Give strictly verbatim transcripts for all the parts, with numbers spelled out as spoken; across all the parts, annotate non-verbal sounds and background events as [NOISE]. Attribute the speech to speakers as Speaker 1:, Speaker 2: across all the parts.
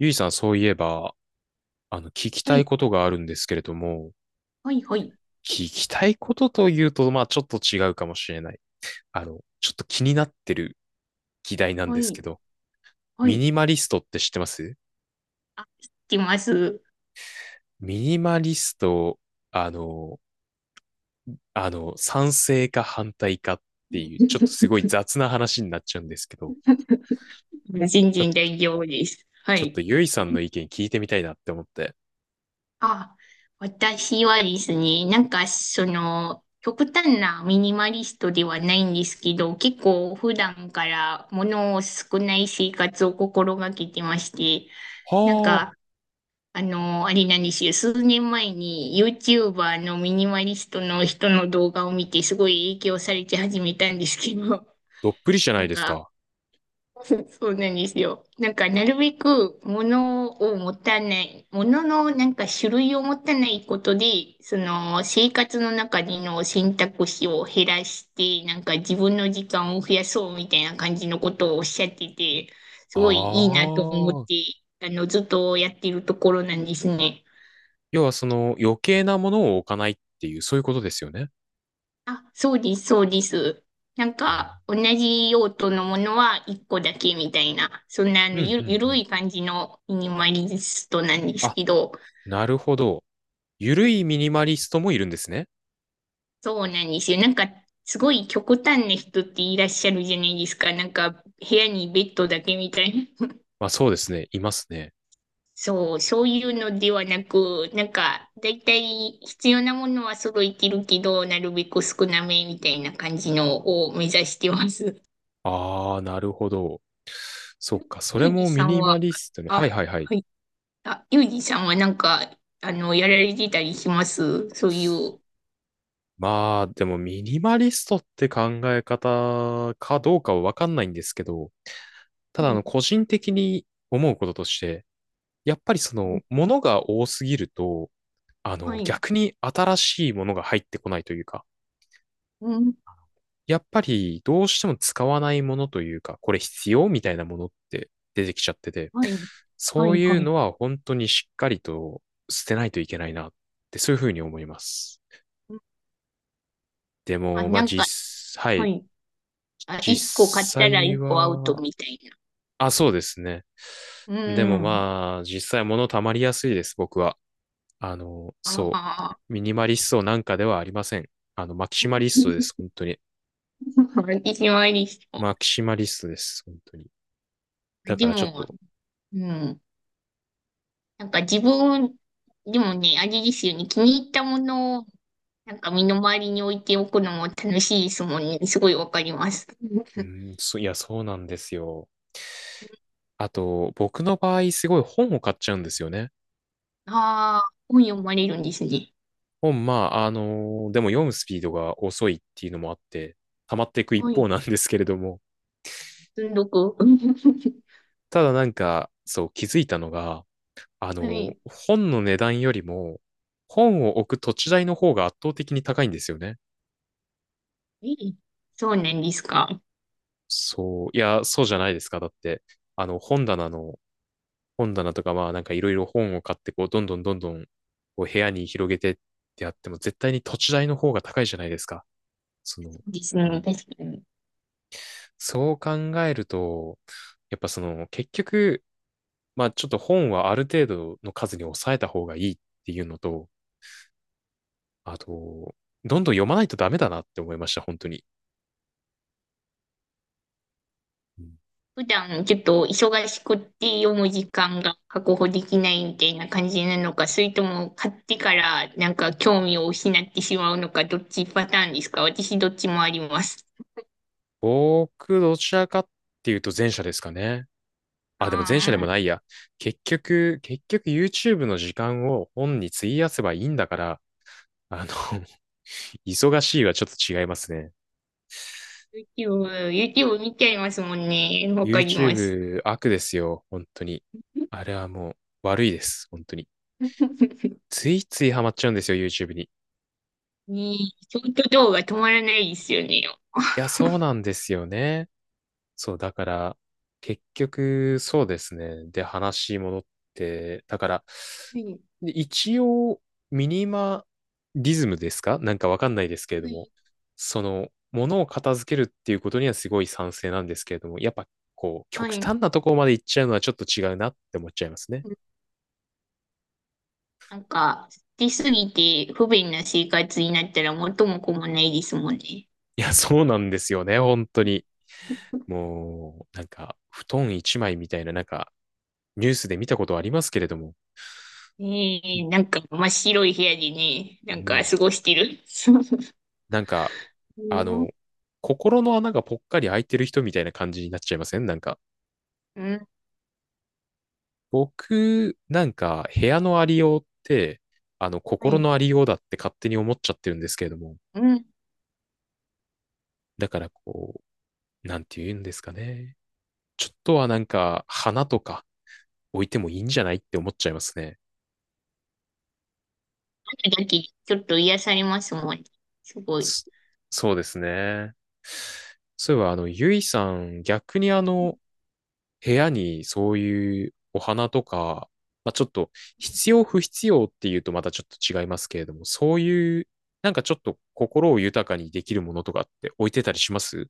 Speaker 1: ゆいさん、そういえば、あの、聞き
Speaker 2: は
Speaker 1: たい
Speaker 2: い、
Speaker 1: ことがあるんですけれども、
Speaker 2: はい、はい、
Speaker 1: 聞きたいことというと、まあ、ちょっと違うかもしれない。あの、ちょっと気になってる議題なん
Speaker 2: は
Speaker 1: ですけ
Speaker 2: い、
Speaker 1: ど、
Speaker 2: は
Speaker 1: ミ
Speaker 2: い、
Speaker 1: ニマリストって知ってます？
Speaker 2: 来ます。
Speaker 1: ミニマリスト、あの、あの、賛成か反対かっていう、ちょっとすごい雑な話になっちゃうんですけど、
Speaker 2: 新
Speaker 1: ちょ、
Speaker 2: 人大丈夫です。は
Speaker 1: ちょっと
Speaker 2: い。
Speaker 1: ゆいさんの意見聞いてみたいなって思って。
Speaker 2: あ、私はですね、なんかその、極端なミニマリストではないんですけど、結構普段から物を少ない生活を心がけてまして、なん
Speaker 1: は
Speaker 2: か、
Speaker 1: あ、
Speaker 2: あの、あれなんですよ、数年前に YouTuber のミニマリストの人の動画を見て、すごい影響されて始めたんですけど、
Speaker 1: どっぷりじゃな
Speaker 2: な
Speaker 1: い
Speaker 2: ん
Speaker 1: です
Speaker 2: か、
Speaker 1: か。
Speaker 2: [LAUGHS] そうなんですよ。なんか、なるべく物を持たない、物のなんか種類を持たないことで、その生活の中での選択肢を減らして、なんか自分の時間を増やそうみたいな感じのことをおっしゃってて、す
Speaker 1: あ
Speaker 2: ごいいいなと思っ
Speaker 1: あ、
Speaker 2: て、あの、ずっとやってるところなんですね。
Speaker 1: 要はその余計なものを置かないっていう、そういうことですよね。
Speaker 2: あ、そうです、そうです。なんか、同じ用途のものはいっこだけみたいな、そんなあ
Speaker 1: う
Speaker 2: の
Speaker 1: んう
Speaker 2: ゆ、ゆ
Speaker 1: んう
Speaker 2: る
Speaker 1: ん。
Speaker 2: い感じのミニマリストなんです
Speaker 1: あ、
Speaker 2: けど、
Speaker 1: なるほど。ゆるいミニマリストもいるんですね。
Speaker 2: そうなんですよ。なんか、すごい極端な人っていらっしゃるじゃないですか。なんか、部屋にベッドだけみたいな。
Speaker 1: まあそうですね。いますね。
Speaker 2: そう、そういうのではなく、なんか、だいたい必要なものは揃えてるけど、なるべく少なめみたいな感じのを目指してます。
Speaker 1: ああ、なるほど。そ
Speaker 2: ゆ、
Speaker 1: っか。そ
Speaker 2: ゆ
Speaker 1: れ
Speaker 2: うじ
Speaker 1: もミ
Speaker 2: さん
Speaker 1: ニ
Speaker 2: は、
Speaker 1: マリストね。
Speaker 2: あ、
Speaker 1: はいはいはい。
Speaker 2: はい。あ、ゆうじさんはなんか、あの、やられてたりします、そういう？
Speaker 1: まあでもミニマリストって考え方かどうかはわかんないんですけど、ただ
Speaker 2: は
Speaker 1: あの
Speaker 2: い。
Speaker 1: 個人的に思うこととして、やっぱりそ
Speaker 2: う
Speaker 1: の
Speaker 2: ん、
Speaker 1: ものが多すぎると、あ
Speaker 2: は
Speaker 1: の
Speaker 2: い。
Speaker 1: 逆に新しいものが入ってこないというか、
Speaker 2: うん。
Speaker 1: やっぱりどうしても使わないものというか、これ必要みたいなものって出てきちゃってて、
Speaker 2: はい。は
Speaker 1: そう
Speaker 2: い。
Speaker 1: い
Speaker 2: は
Speaker 1: う
Speaker 2: い。
Speaker 1: のは本当にしっかりと捨てないといけないなってそういうふうに思います。
Speaker 2: うん。
Speaker 1: で
Speaker 2: あ、
Speaker 1: も、ま
Speaker 2: な
Speaker 1: あ
Speaker 2: んか、
Speaker 1: 実、は
Speaker 2: は
Speaker 1: い、
Speaker 2: い。あ、一個買っ
Speaker 1: 実
Speaker 2: たら
Speaker 1: 際
Speaker 2: 一個アウト
Speaker 1: は、
Speaker 2: みたいな。
Speaker 1: あ、そうですね。
Speaker 2: う
Speaker 1: でも
Speaker 2: ん。
Speaker 1: まあ、実際物溜まりやすいです、僕は。あの、
Speaker 2: あ
Speaker 1: そ
Speaker 2: あ、
Speaker 1: う。ミニマリストなんかではありません。あの、マキシマリストです、本
Speaker 2: [LAUGHS]
Speaker 1: 当に。
Speaker 2: 私もありそ
Speaker 1: マキシマリストです、本当に。
Speaker 2: う。
Speaker 1: だ
Speaker 2: で
Speaker 1: からちょっ
Speaker 2: も、
Speaker 1: と
Speaker 2: うん。なんか自分、でもね、あれですよね。気に入ったものを、なんか身の回りに置いておくのも楽しいですもんね。すごいわかります。
Speaker 1: うん、そ、いや、そうなんですよ。あと、僕の場合、すごい本を買っちゃうんですよね。
Speaker 2: ああ、本読まれるんですね。
Speaker 1: 本、まあ、あのーでも読むスピードが遅いっていうのもあって、溜まっていく一
Speaker 2: はい。
Speaker 1: 方なんですけれども、
Speaker 2: 積んどく。うん。 [LAUGHS]
Speaker 1: ただなんか、そう、気づいたのが、あの
Speaker 2: は
Speaker 1: ー
Speaker 2: い。
Speaker 1: 本の値段よりも、本を置く土地代の方が圧倒的に高いんですよね。
Speaker 2: ええ、そうなんですか？
Speaker 1: そう、いや、そうじゃないですか。だって、あの、本棚の本棚とかまあなんかいろいろ本を買ってこうどんどんどんどんこう部屋に広げてってやっても絶対に土地代の方が高いじゃないですか。その、
Speaker 2: そうですね。確かに。
Speaker 1: そう考えると、やっぱその結局、まあちょっと本はある程度の数に抑えた方がいいっていうのと、あと、どんどん読まないとダメだなって思いました、本当に。うん
Speaker 2: 普段ちょっと忙しくって読む時間が確保できないみたいな感じなのか、それとも買ってからなんか興味を失ってしまうのか、どっちパターンですか？私どっちもあります。
Speaker 1: 僕、どちらかっていうと前者ですかね。あ、でも前者で
Speaker 2: あ
Speaker 1: もな
Speaker 2: あ、
Speaker 1: いや。結局、結局 YouTube の時間を本に費やせばいいんだから、あの、忙しいはちょっと違いますね。
Speaker 2: YouTube、YouTube 見ちゃいますもんね。わかります。
Speaker 1: YouTube 悪ですよ、本当に。あ
Speaker 2: [LAUGHS]
Speaker 1: れはもう悪いです、本当に。ついついハマっちゃうんですよ、YouTube に。い
Speaker 2: ねえ、ショート動画止まらないですよね。
Speaker 1: や、そうなんですよね。そう、だから、結局、そうですね。で、話戻って、だから、
Speaker 2: はい、
Speaker 1: で一応、ミニマリズムですかなんかわかんないですけれ
Speaker 2: は
Speaker 1: ども、
Speaker 2: い。
Speaker 1: その、ものを片付けるっていうことにはすごい賛成なんですけれども、やっぱ、こう、
Speaker 2: は
Speaker 1: 極
Speaker 2: い。
Speaker 1: 端なところまで行っちゃうのはちょっと違うなって思っちゃいますね。
Speaker 2: なんか、捨てすぎて不便な生活になったら元も子もないですもんね。
Speaker 1: いや、そうなんですよね、本当に。もう、なんか、布団一枚みたいな、なんか、ニュースで見たことありますけれども、
Speaker 2: ええ、なんか真っ白い部屋でね、な
Speaker 1: う
Speaker 2: んか
Speaker 1: ん
Speaker 2: 過ごしてる。[LAUGHS]
Speaker 1: なんか、
Speaker 2: う
Speaker 1: あ
Speaker 2: ん、
Speaker 1: の、心の穴がぽっかり開いてる人みたいな感じになっちゃいません？なんか、
Speaker 2: うん、
Speaker 1: 僕、なんか、部屋のありようって、あの、
Speaker 2: は
Speaker 1: 心
Speaker 2: い。
Speaker 1: のありようだって勝手に思っちゃってるんですけれども、
Speaker 2: うん、
Speaker 1: だからこう、なんて言うんですかね。ちょっとはなんか、花とか置いてもいいんじゃない？って思っちゃいますね。
Speaker 2: あるだけちょっと癒されますもんね。すごい。
Speaker 1: そそうですね。そういえば、あの、ゆいさん、逆にあの、部屋にそういうお花とか、まあ、ちょっと必要不必要っていうとまたちょっと違いますけれども、そういう、なんかちょっと心を豊かにできるものとかって置いてたりします？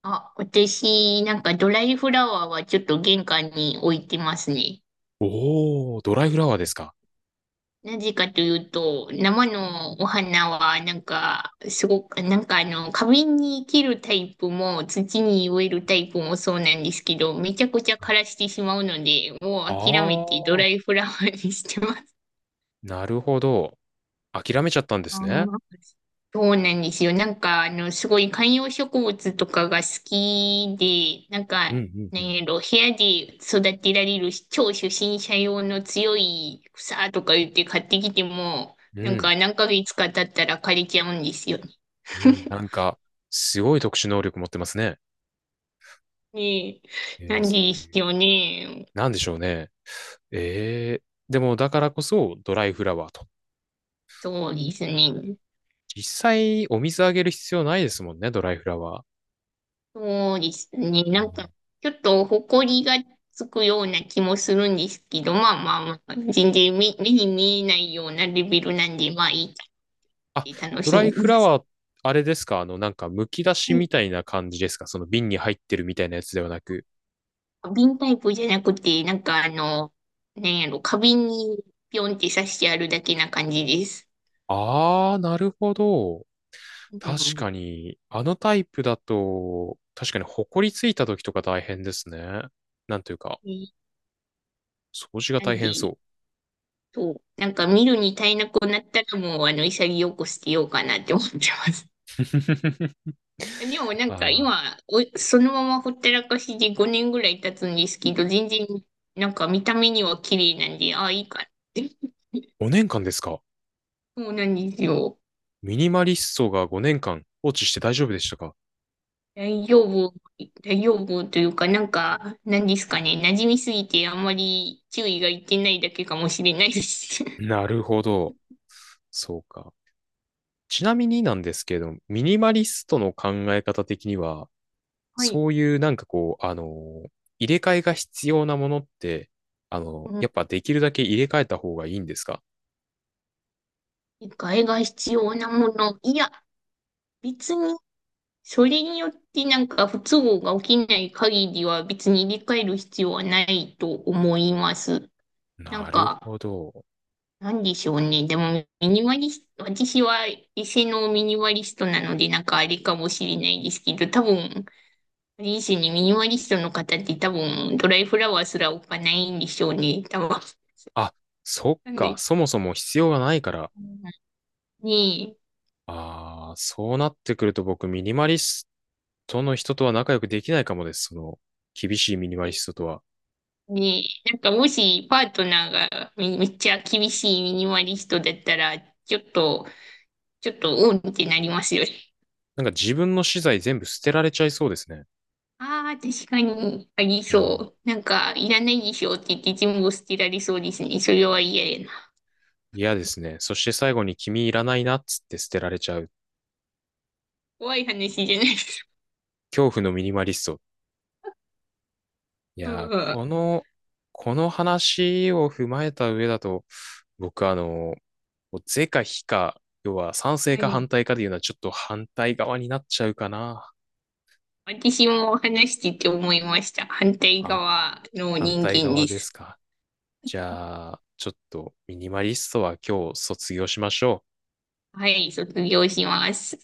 Speaker 2: あ、私、なんかドライフラワーはちょっと玄関に置いてますね。
Speaker 1: おー、ドライフラワーですか。
Speaker 2: なぜかというと、生のお花は、なんか、すごく、なんかあの、花瓶に生けるタイプも、土に植えるタイプもそうなんですけど、めちゃくちゃ枯らしてしまうので、も
Speaker 1: あ
Speaker 2: う諦めてド
Speaker 1: ー、
Speaker 2: ライフラワーにしてます。
Speaker 1: なるほど。諦めちゃったんで
Speaker 2: あ
Speaker 1: すね。
Speaker 2: ー、そうなんですよね。なんか、あの、すごい観葉植物とかが好きで、なん
Speaker 1: う
Speaker 2: か、
Speaker 1: ん、
Speaker 2: な
Speaker 1: うん、
Speaker 2: んやろ、部屋で育てられる超初心者用の強い草とか言って買ってきても、
Speaker 1: う
Speaker 2: なん
Speaker 1: ん。
Speaker 2: か何ヶ月か経ったら枯れちゃうんですよね。
Speaker 1: うん、うん。
Speaker 2: [LAUGHS]
Speaker 1: なんか、すごい特殊能力持ってますね。
Speaker 2: ねえ、
Speaker 1: え
Speaker 2: なん
Speaker 1: ー、
Speaker 2: でしょうね。
Speaker 1: なんでしょうね。えー、でもだからこそドライフラワーと。
Speaker 2: そうですね。
Speaker 1: 実際お水あげる必要ないですもんね、ドライフラワー。
Speaker 2: そうですね。
Speaker 1: う
Speaker 2: なん
Speaker 1: ん
Speaker 2: か、ちょっと埃がつくような気もするんですけど、まあまあまあ、全然目、目に見えないようなレベルなんで、まあい
Speaker 1: あ
Speaker 2: いかって楽
Speaker 1: ド
Speaker 2: し
Speaker 1: ライ
Speaker 2: んでま
Speaker 1: フラ
Speaker 2: す。
Speaker 1: ワー、あれですか、あの、なんか、剥き出し
Speaker 2: は
Speaker 1: み
Speaker 2: い。
Speaker 1: たいな感じですか？その瓶に入ってるみたいなやつではなく。
Speaker 2: 瓶タイプじゃなくて、なんかあの、なんやろ、花瓶にピョンって刺してあるだけな感じです。
Speaker 1: あー、なるほど。
Speaker 2: う
Speaker 1: 確
Speaker 2: ん。
Speaker 1: かに、あのタイプだと、確かに、ほこりついた時とか大変ですね。なんというか、
Speaker 2: ね。
Speaker 1: 掃除が
Speaker 2: な
Speaker 1: 大
Speaker 2: ん
Speaker 1: 変
Speaker 2: で、
Speaker 1: そう。
Speaker 2: そう、なんか見るに耐えなくなったらもう、あの、潔く捨てようかなって思ってます。
Speaker 1: [LAUGHS]
Speaker 2: でもなんか
Speaker 1: あ
Speaker 2: 今、おそのままほったらかしでごねんぐらい経つんですけど、全然なんか見た目には綺麗なんで、ああ、いいかって。
Speaker 1: ー、ごねんかんですか？
Speaker 2: そうなんですよ。
Speaker 1: ミニマリストがごねんかん放置して大丈夫でしたか？
Speaker 2: 大丈夫、大丈夫というか、なんか、なんですかね、馴染みすぎてあんまり注意がいってないだけかもしれないです。
Speaker 1: なるほど。そうか。ちなみになんですけれども、ミニマリストの考え方的には、
Speaker 2: [LAUGHS] はい。
Speaker 1: そういうなんかこう、あの入れ替えが必要なものって、あの
Speaker 2: うん。
Speaker 1: やっぱできるだけ入れ替えた方がいいんですか？
Speaker 2: 替えが必要なもの。いや、別に、それによってなんか不都合が起きない限りは別に入れ替える必要はないと思います。な
Speaker 1: な
Speaker 2: ん
Speaker 1: る
Speaker 2: か、
Speaker 1: ほど。
Speaker 2: なんでしょうね。でも、ミニマリスト、私は異性のミニマリストなので、なんかあれかもしれないですけど、多分、あれですね、ミニマリストの方って多分、ドライフラワーすら置かないんでしょうね。多分。
Speaker 1: あ、そっ
Speaker 2: なん
Speaker 1: か。
Speaker 2: で、
Speaker 1: そもそも必要がないから。
Speaker 2: ね
Speaker 1: ああ、そうなってくると僕、ミニマリストの人とは仲良くできないかもです。その、厳しいミニマリストとは。
Speaker 2: え、ねえ、なんかもしパートナーがめ、めっちゃ厳しいミニマリストだったら、ちょっと、ちょっと、うんってなりますよね。
Speaker 1: なんか自分の資材全部捨てられちゃいそうですね。
Speaker 2: ああ、確かに、あり
Speaker 1: うん
Speaker 2: そう。なんか、いらないでしょって言って全部捨てられそうですね。それは嫌やな。
Speaker 1: 嫌ですね。そして最後に君いらないなっつって捨てられちゃう。
Speaker 2: 怖い話じゃないです。
Speaker 1: 恐怖のミニマリスト。い
Speaker 2: [LAUGHS] う
Speaker 1: やー、
Speaker 2: ん、
Speaker 1: この、この話を踏まえた上だと、僕あの、もう是か非か、要は賛成
Speaker 2: は
Speaker 1: か
Speaker 2: い。
Speaker 1: 反対かでいうのはちょっと反対側になっちゃうかな。
Speaker 2: 私も話してて思いました。反対
Speaker 1: あ、
Speaker 2: 側の
Speaker 1: 反
Speaker 2: 人
Speaker 1: 対
Speaker 2: 間
Speaker 1: 側
Speaker 2: で
Speaker 1: で
Speaker 2: す。
Speaker 1: すか。じゃあ、ちょっとミニマリストは今日卒業しましょう。
Speaker 2: はい、卒業します。